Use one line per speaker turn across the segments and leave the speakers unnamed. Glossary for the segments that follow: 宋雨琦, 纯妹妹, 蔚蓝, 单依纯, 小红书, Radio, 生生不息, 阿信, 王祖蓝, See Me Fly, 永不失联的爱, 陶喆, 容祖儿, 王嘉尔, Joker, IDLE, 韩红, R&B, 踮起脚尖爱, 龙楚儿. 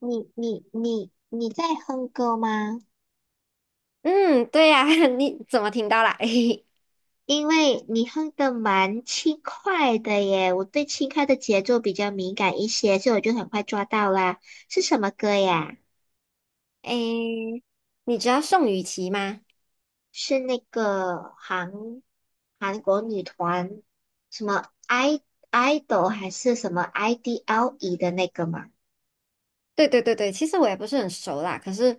你在哼歌吗？
嗯，对呀、你怎么听到啦？
因为你哼的蛮轻快的耶，我对轻快的节奏比较敏感一些，所以我就很快抓到啦。是什么歌呀？
诶，你知道宋雨琦吗？
是那个韩国女团什么 idol 还是什么 IDLE 的那个吗？
对对对对，其实我也不是很熟啦，可是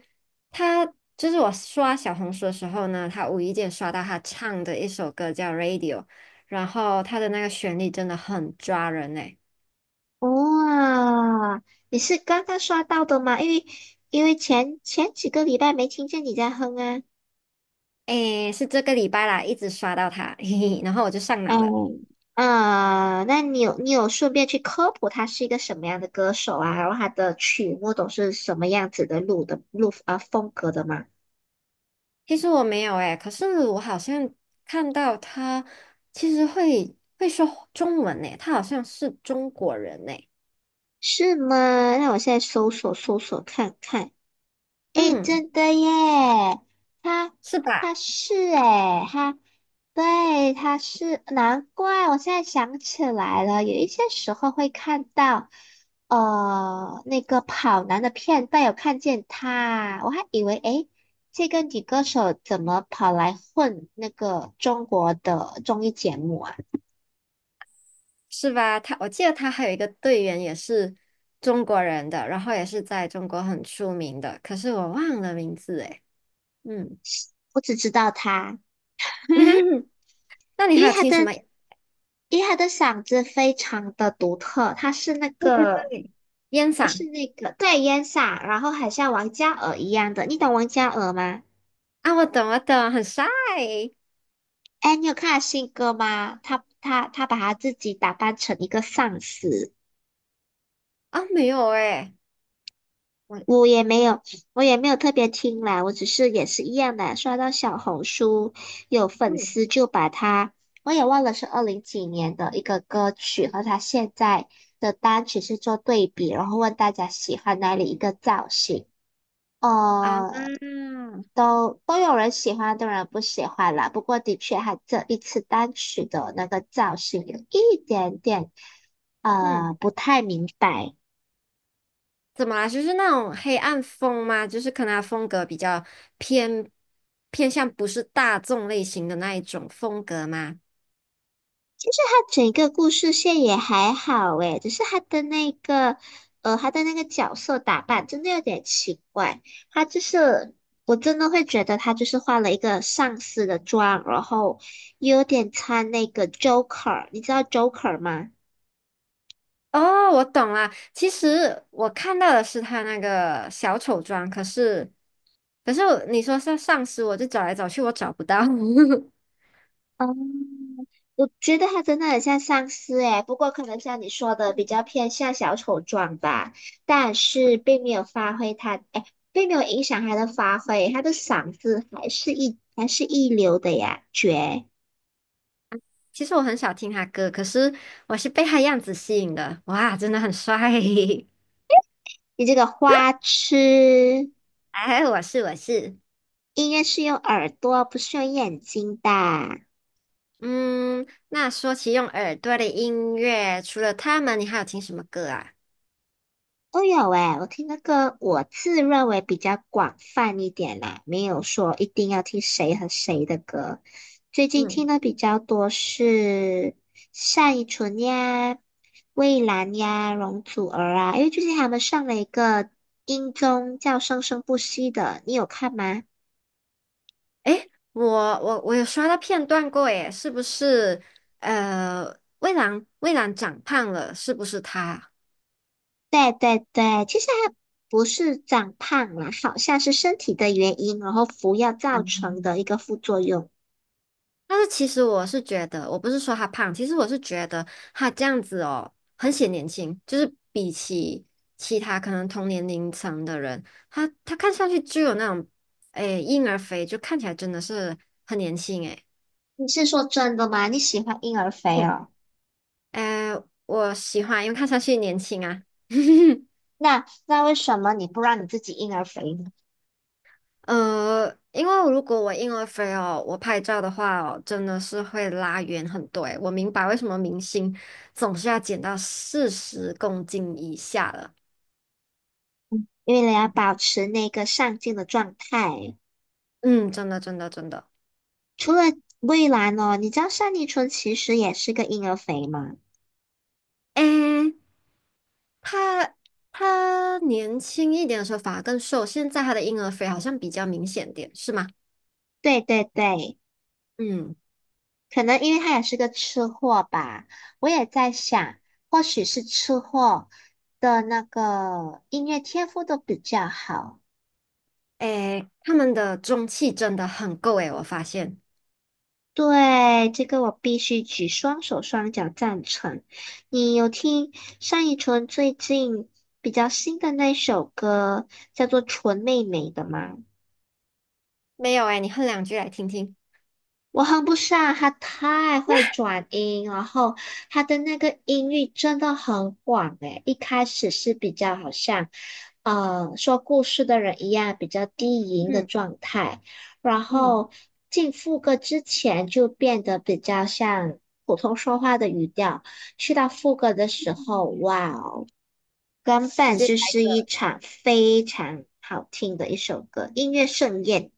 他就是我刷小红书的时候呢，他无意间刷到他唱的一首歌叫《Radio》，然后他的那个旋律真的很抓人诶、
哇，你是刚刚刷到的吗？因为前几个礼拜没听见你在哼啊。
诶，是这个礼拜啦，一直刷到他，嘿嘿，然后我就上
哎，
脑了。
那你有顺便去科普他是一个什么样的歌手啊？然后他的曲目都是什么样子的录的录啊风格的吗？
其实我没有诶、可是我好像看到他其实会说中文诶、他好像是中国人诶、
是吗？那我现在搜索搜索看看。诶，
嗯，
真的耶，他
是
他
吧？
是诶，他对他是，难怪我现在想起来了，有一些时候会看到，那个跑男的片段有看见他，我还以为哎诶，这个女歌手怎么跑来混那个中国的综艺节目啊？
是吧？他，我记得他还有一个队员也是中国人的，然后也是在中国很出名的，可是我忘了名字诶。嗯，
我只知道她。
那你
因
还
为
有
他
听什
的
么？
因为他的嗓子非常的独特，他是那
对对
个
对，烟嗓
对烟嗓，然后很像王嘉尔一样的，你懂王嘉尔吗？
啊，我懂我懂，很帅
哎，你有看他新歌吗？他把他自己打扮成一个丧尸，
啊，没有诶，我
我也没有，我也没有特别听啦，我只是也是一样的，刷到小红书有粉
嗯
丝就把他，我也忘了是二零几年的一个歌曲和他现在的单曲是做对比，然后问大家喜欢哪里一个造型。
啊
哦。都有人喜欢，都有人不喜欢啦。不过的确，他这一次单曲的那个造型有一点点
嗯，
不太明白。
怎么啦？就是那种黑暗风吗？就是可能他风格比较偏偏向不是大众类型的那一种风格吗？
他整个故事线也还好诶，只是他的那个角色打扮真的有点奇怪。他就是我真的会觉得他就是换了一个上司的妆，然后也有点穿那个 Joker，你知道 Joker 吗？
哦，我懂了。其实我看到的是他那个小丑妆，可是，可是我你说是丧尸，我就找来找去，我找不到。
嗯。我觉得他真的很像丧尸诶，不过可能像你说的比较偏向小丑状吧，但是并没有发挥他，诶，并没有影响他的发挥，他的嗓子还是一流的呀，绝！
其实我很少听他歌，可是我是被他样子吸引的。哇，真的很帅！
你这个花痴，
哎，我是。
音乐是用耳朵，不是用眼睛的。
嗯，那说起用耳朵的音乐，除了他们，你还有听什么歌啊？
都有诶，我听的歌我自认为比较广泛一点啦，没有说一定要听谁和谁的歌。最近听
嗯，
的比较多是单依纯呀、蔚蓝呀、容祖儿啊，因为最近他们上了一个音综叫《生生不息》的，你有看吗？
诶，我有刷到片段过，耶，是不是？呃，蔚蓝长胖了，是不是他？
对对对，其实还不是长胖啦，好像是身体的原因，然后服药造成的一
嗯，
个副作用。
但是其实我是觉得，我不是说他胖，其实我是觉得他这样子哦，很显年轻，就是比起其他可能同年龄层的人，他看上去就有那种，诶，婴儿肥，就看起来真的是很年轻诶。
你是说真的吗？你喜欢婴儿肥
嗯，
哦？
诶，我喜欢，因为看上去年轻啊。
那为什么你不让你自己婴儿肥呢？
呃，因为如果我婴儿肥哦，我拍照的话哦，真的是会拉远很多诶。我明白为什么明星总是要减到40公斤以下了。
因为你要保持那个上镜的状态。
嗯，真的，真的，真的。
除了蔚蓝哦，你知道单立纯其实也是个婴儿肥吗？
诶，他他年轻一点的时候反而更瘦，现在他的婴儿肥好像比较明显点，是吗？
对对对，
嗯，
可能因为他也是个吃货吧。我也在想，或许是吃货的那个音乐天赋都比较好。
诶，他们的中气真的很够诶，我发现。
对，这个我必须举双手双脚赞成。你有听单依纯最近比较新的那首歌叫做《纯妹妹》的吗？
没有诶，你哼两句来听听。
我哼不上，她太会转音，然后她的那个音域真的很广诶。一开始是比较好像。说故事的人一样比较低吟的
嗯
状态，然
嗯。
后进副歌之前就变得比较像普通说话的语调，去到副歌的时候，哇哦，根
直
本
接。
就是一场非常好听的一首歌，音乐盛宴。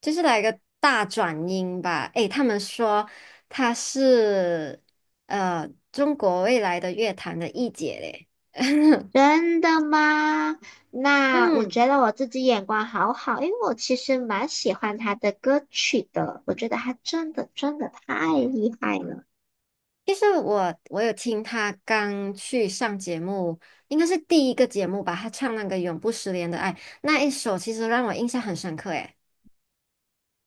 就是来个大转音吧。诶，他们说她是中国未来的乐坛的一姐嘞。
真的吗？那我
嗯，
觉得我自己眼光好好，因为我其实蛮喜欢他的歌曲的，我觉得他真的真的太厉害了。
其实我有听她刚去上节目，应该是第一个节目吧，她唱那个《永不失联的爱》那一首，其实让我印象很深刻。诶，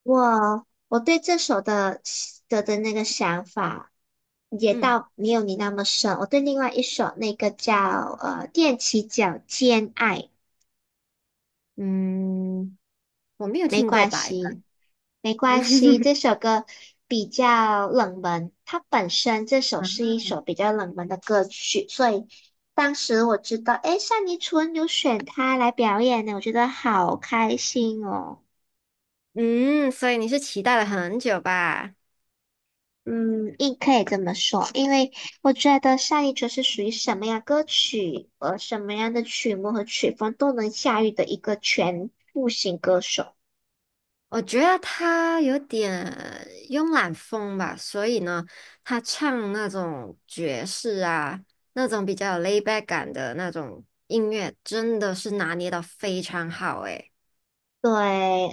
我对这首的那个想法也
嗯
到没有你那么深。我对另外一首那个叫踮起脚尖爱，
嗯，我没有听过吧？
没关系，这 首歌比较冷门，它本身这首是一首比较冷门的歌曲，所以当时我知道，诶，单依纯有选它来表演呢，我觉得好开心哦。
嗯，所以你是期待了很久吧？
嗯，亦可以这么说，因为我觉得上一纯是属于什么样歌曲和什么样的曲目和曲风都能驾驭的一个全复型歌手。
我觉得他有点慵懒风吧，所以呢，他唱那种爵士啊，那种比较有 l a i back 感的那种音乐，真的是拿捏的非常好诶。
对，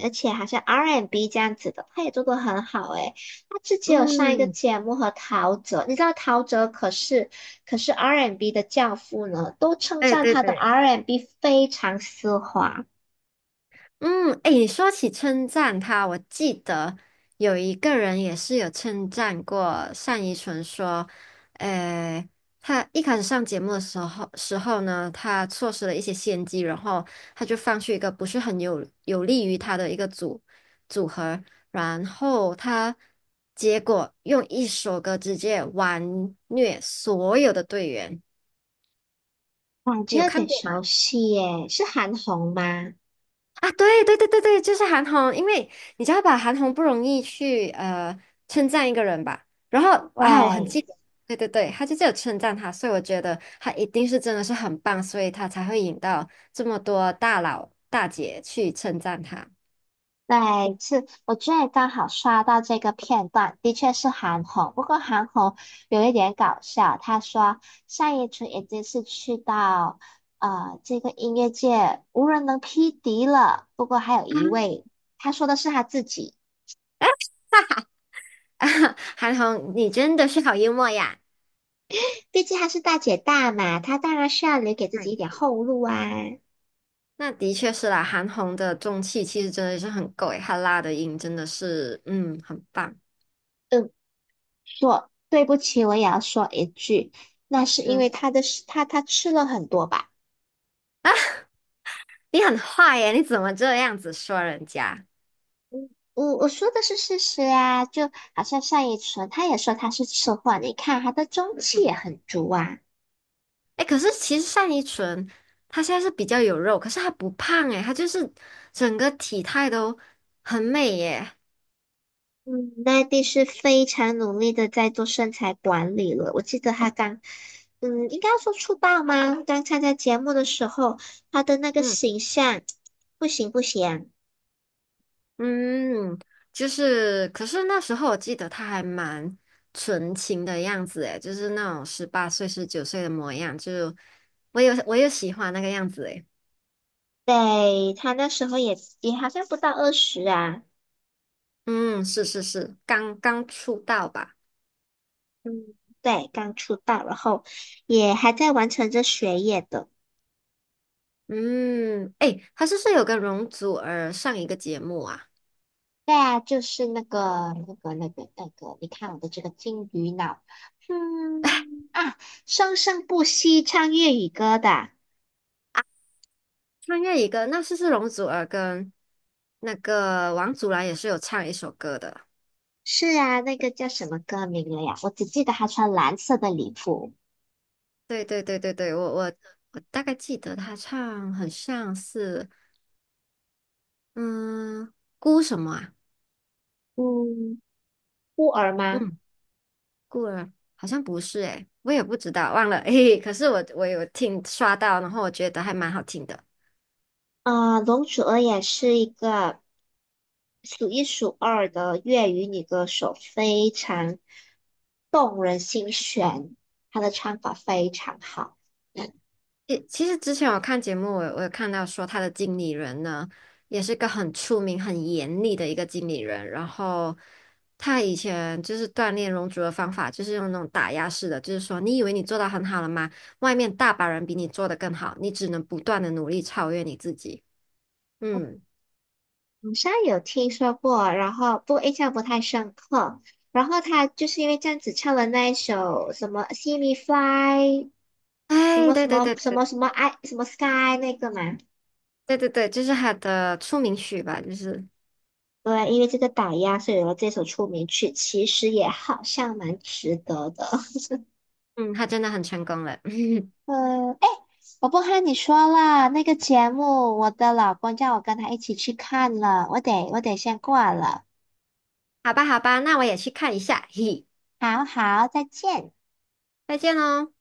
而且好像 R&B N 这样子的，他也做得很好诶。他之前有上一个
嗯，
节目和陶喆，你知道陶喆可是 R&B N 的教父呢，都称
对
赞
对
他的
对。
R&B N 非常丝滑，
嗯，哎，你说起称赞他，我记得有一个人也是有称赞过单依纯，说，呃，他一开始上节目的时候呢，他错失了一些先机，然后他就放弃一个不是很有利于他的一个组合，然后他结果用一首歌直接完虐所有的队员，
感觉
你有
有
看
点
过
熟
吗？
悉耶，是韩红吗？
啊，对对对对对，就是韩红，因为你知道吧，韩红不容易去称赞一个人吧，然后啊，我很记
对。
得，对对对，他就只有称赞他，所以我觉得他一定是真的是很棒，所以他才会引到这么多大佬大姐去称赞他。
对，是，我觉得刚好刷到这个片段，的确是韩红。不过韩红有一点搞笑，她说单依纯已经是去到这个音乐界无人能匹敌了。不过还有一 位，她说的是她自己，
啊，韩红，你真的是好幽默呀
毕竟她是大姐大嘛，她当然是要留给 自
那也
己一点
是，
后路啊。
那的确是啦，韩红的中气其实真的是很够诶，她拉的音真的是，嗯，很棒。
嗯，对不起，我也要说一句，那是因为
嗯，
她的，她吃了很多吧。
你很坏耶，你怎么这样子说人家？
我说的是事实啊，就好像单依纯，她也说她是吃货，你看她的中气也很足啊。
哎，可是其实单依纯她现在是比较有肉，可是她不胖哎，她就是整个体态都很美耶。
嗯，奈地是非常努力的在做身材管理了。我记得他刚，应该要说出道吗？刚参加节目的时候，他的那个
嗯
形象 不行不行，
嗯，就是可是那时候我记得她还蛮纯情的样子哎，就是那种18岁、19岁的模样，就我有喜欢那个样子哎。
对，他那时候也好像不到20啊，
嗯，是是是，刚刚出道吧。
嗯，对，刚出道，然后也还在完成着学业的。
嗯，哎，她是不是有跟容祖儿上一个节目啊？
对啊，就是那个，你看我的这个金鱼脑，嗯啊，生生不息唱粤语歌的，
穿越一个，那是容祖儿跟那个王祖蓝也是有唱一首歌的。
是啊，那个叫什么歌名了呀？我只记得他穿蓝色的礼服，
对对对对对，我大概记得他唱很像是嗯孤什么啊？
嗯，孤儿吗？
嗯，孤儿好像不是诶、我也不知道，忘了。嘿嘿可是我有听刷到，然后我觉得还蛮好听的。
啊、龙楚儿也是一个数一数二的粤语女歌手，非常动人心弦，她的唱法非常好。
诶，其实之前我看节目，我有看到说他的经理人呢，也是个很出名、很严厉的一个经理人。然后他以前就是锻炼容族的方法，就是用那种打压式的，就是说你以为你做到很好了吗？外面大把人比你做得更好，你只能不断的努力超越你自己。嗯，
好像有听说过，然后不过印象不太深刻。然后他就是因为这样子唱了那一首什么《See Me Fly》，什
哎，
么
对
什
对
么
对
什
对
么什么爱什么 Sky 那个嘛。
对对对，就是他的出名曲吧，就是
对，因为这个打压，所以有了这首出名曲，其实也好像蛮值得的。
嗯，他真的很成功了。
呃，哎，我不和你说了，那个节目，我的老公叫我跟他一起去看了，我得先挂了。
好吧好吧，那我也去看一下，嘿嘿，
好好，再见。
再见喽。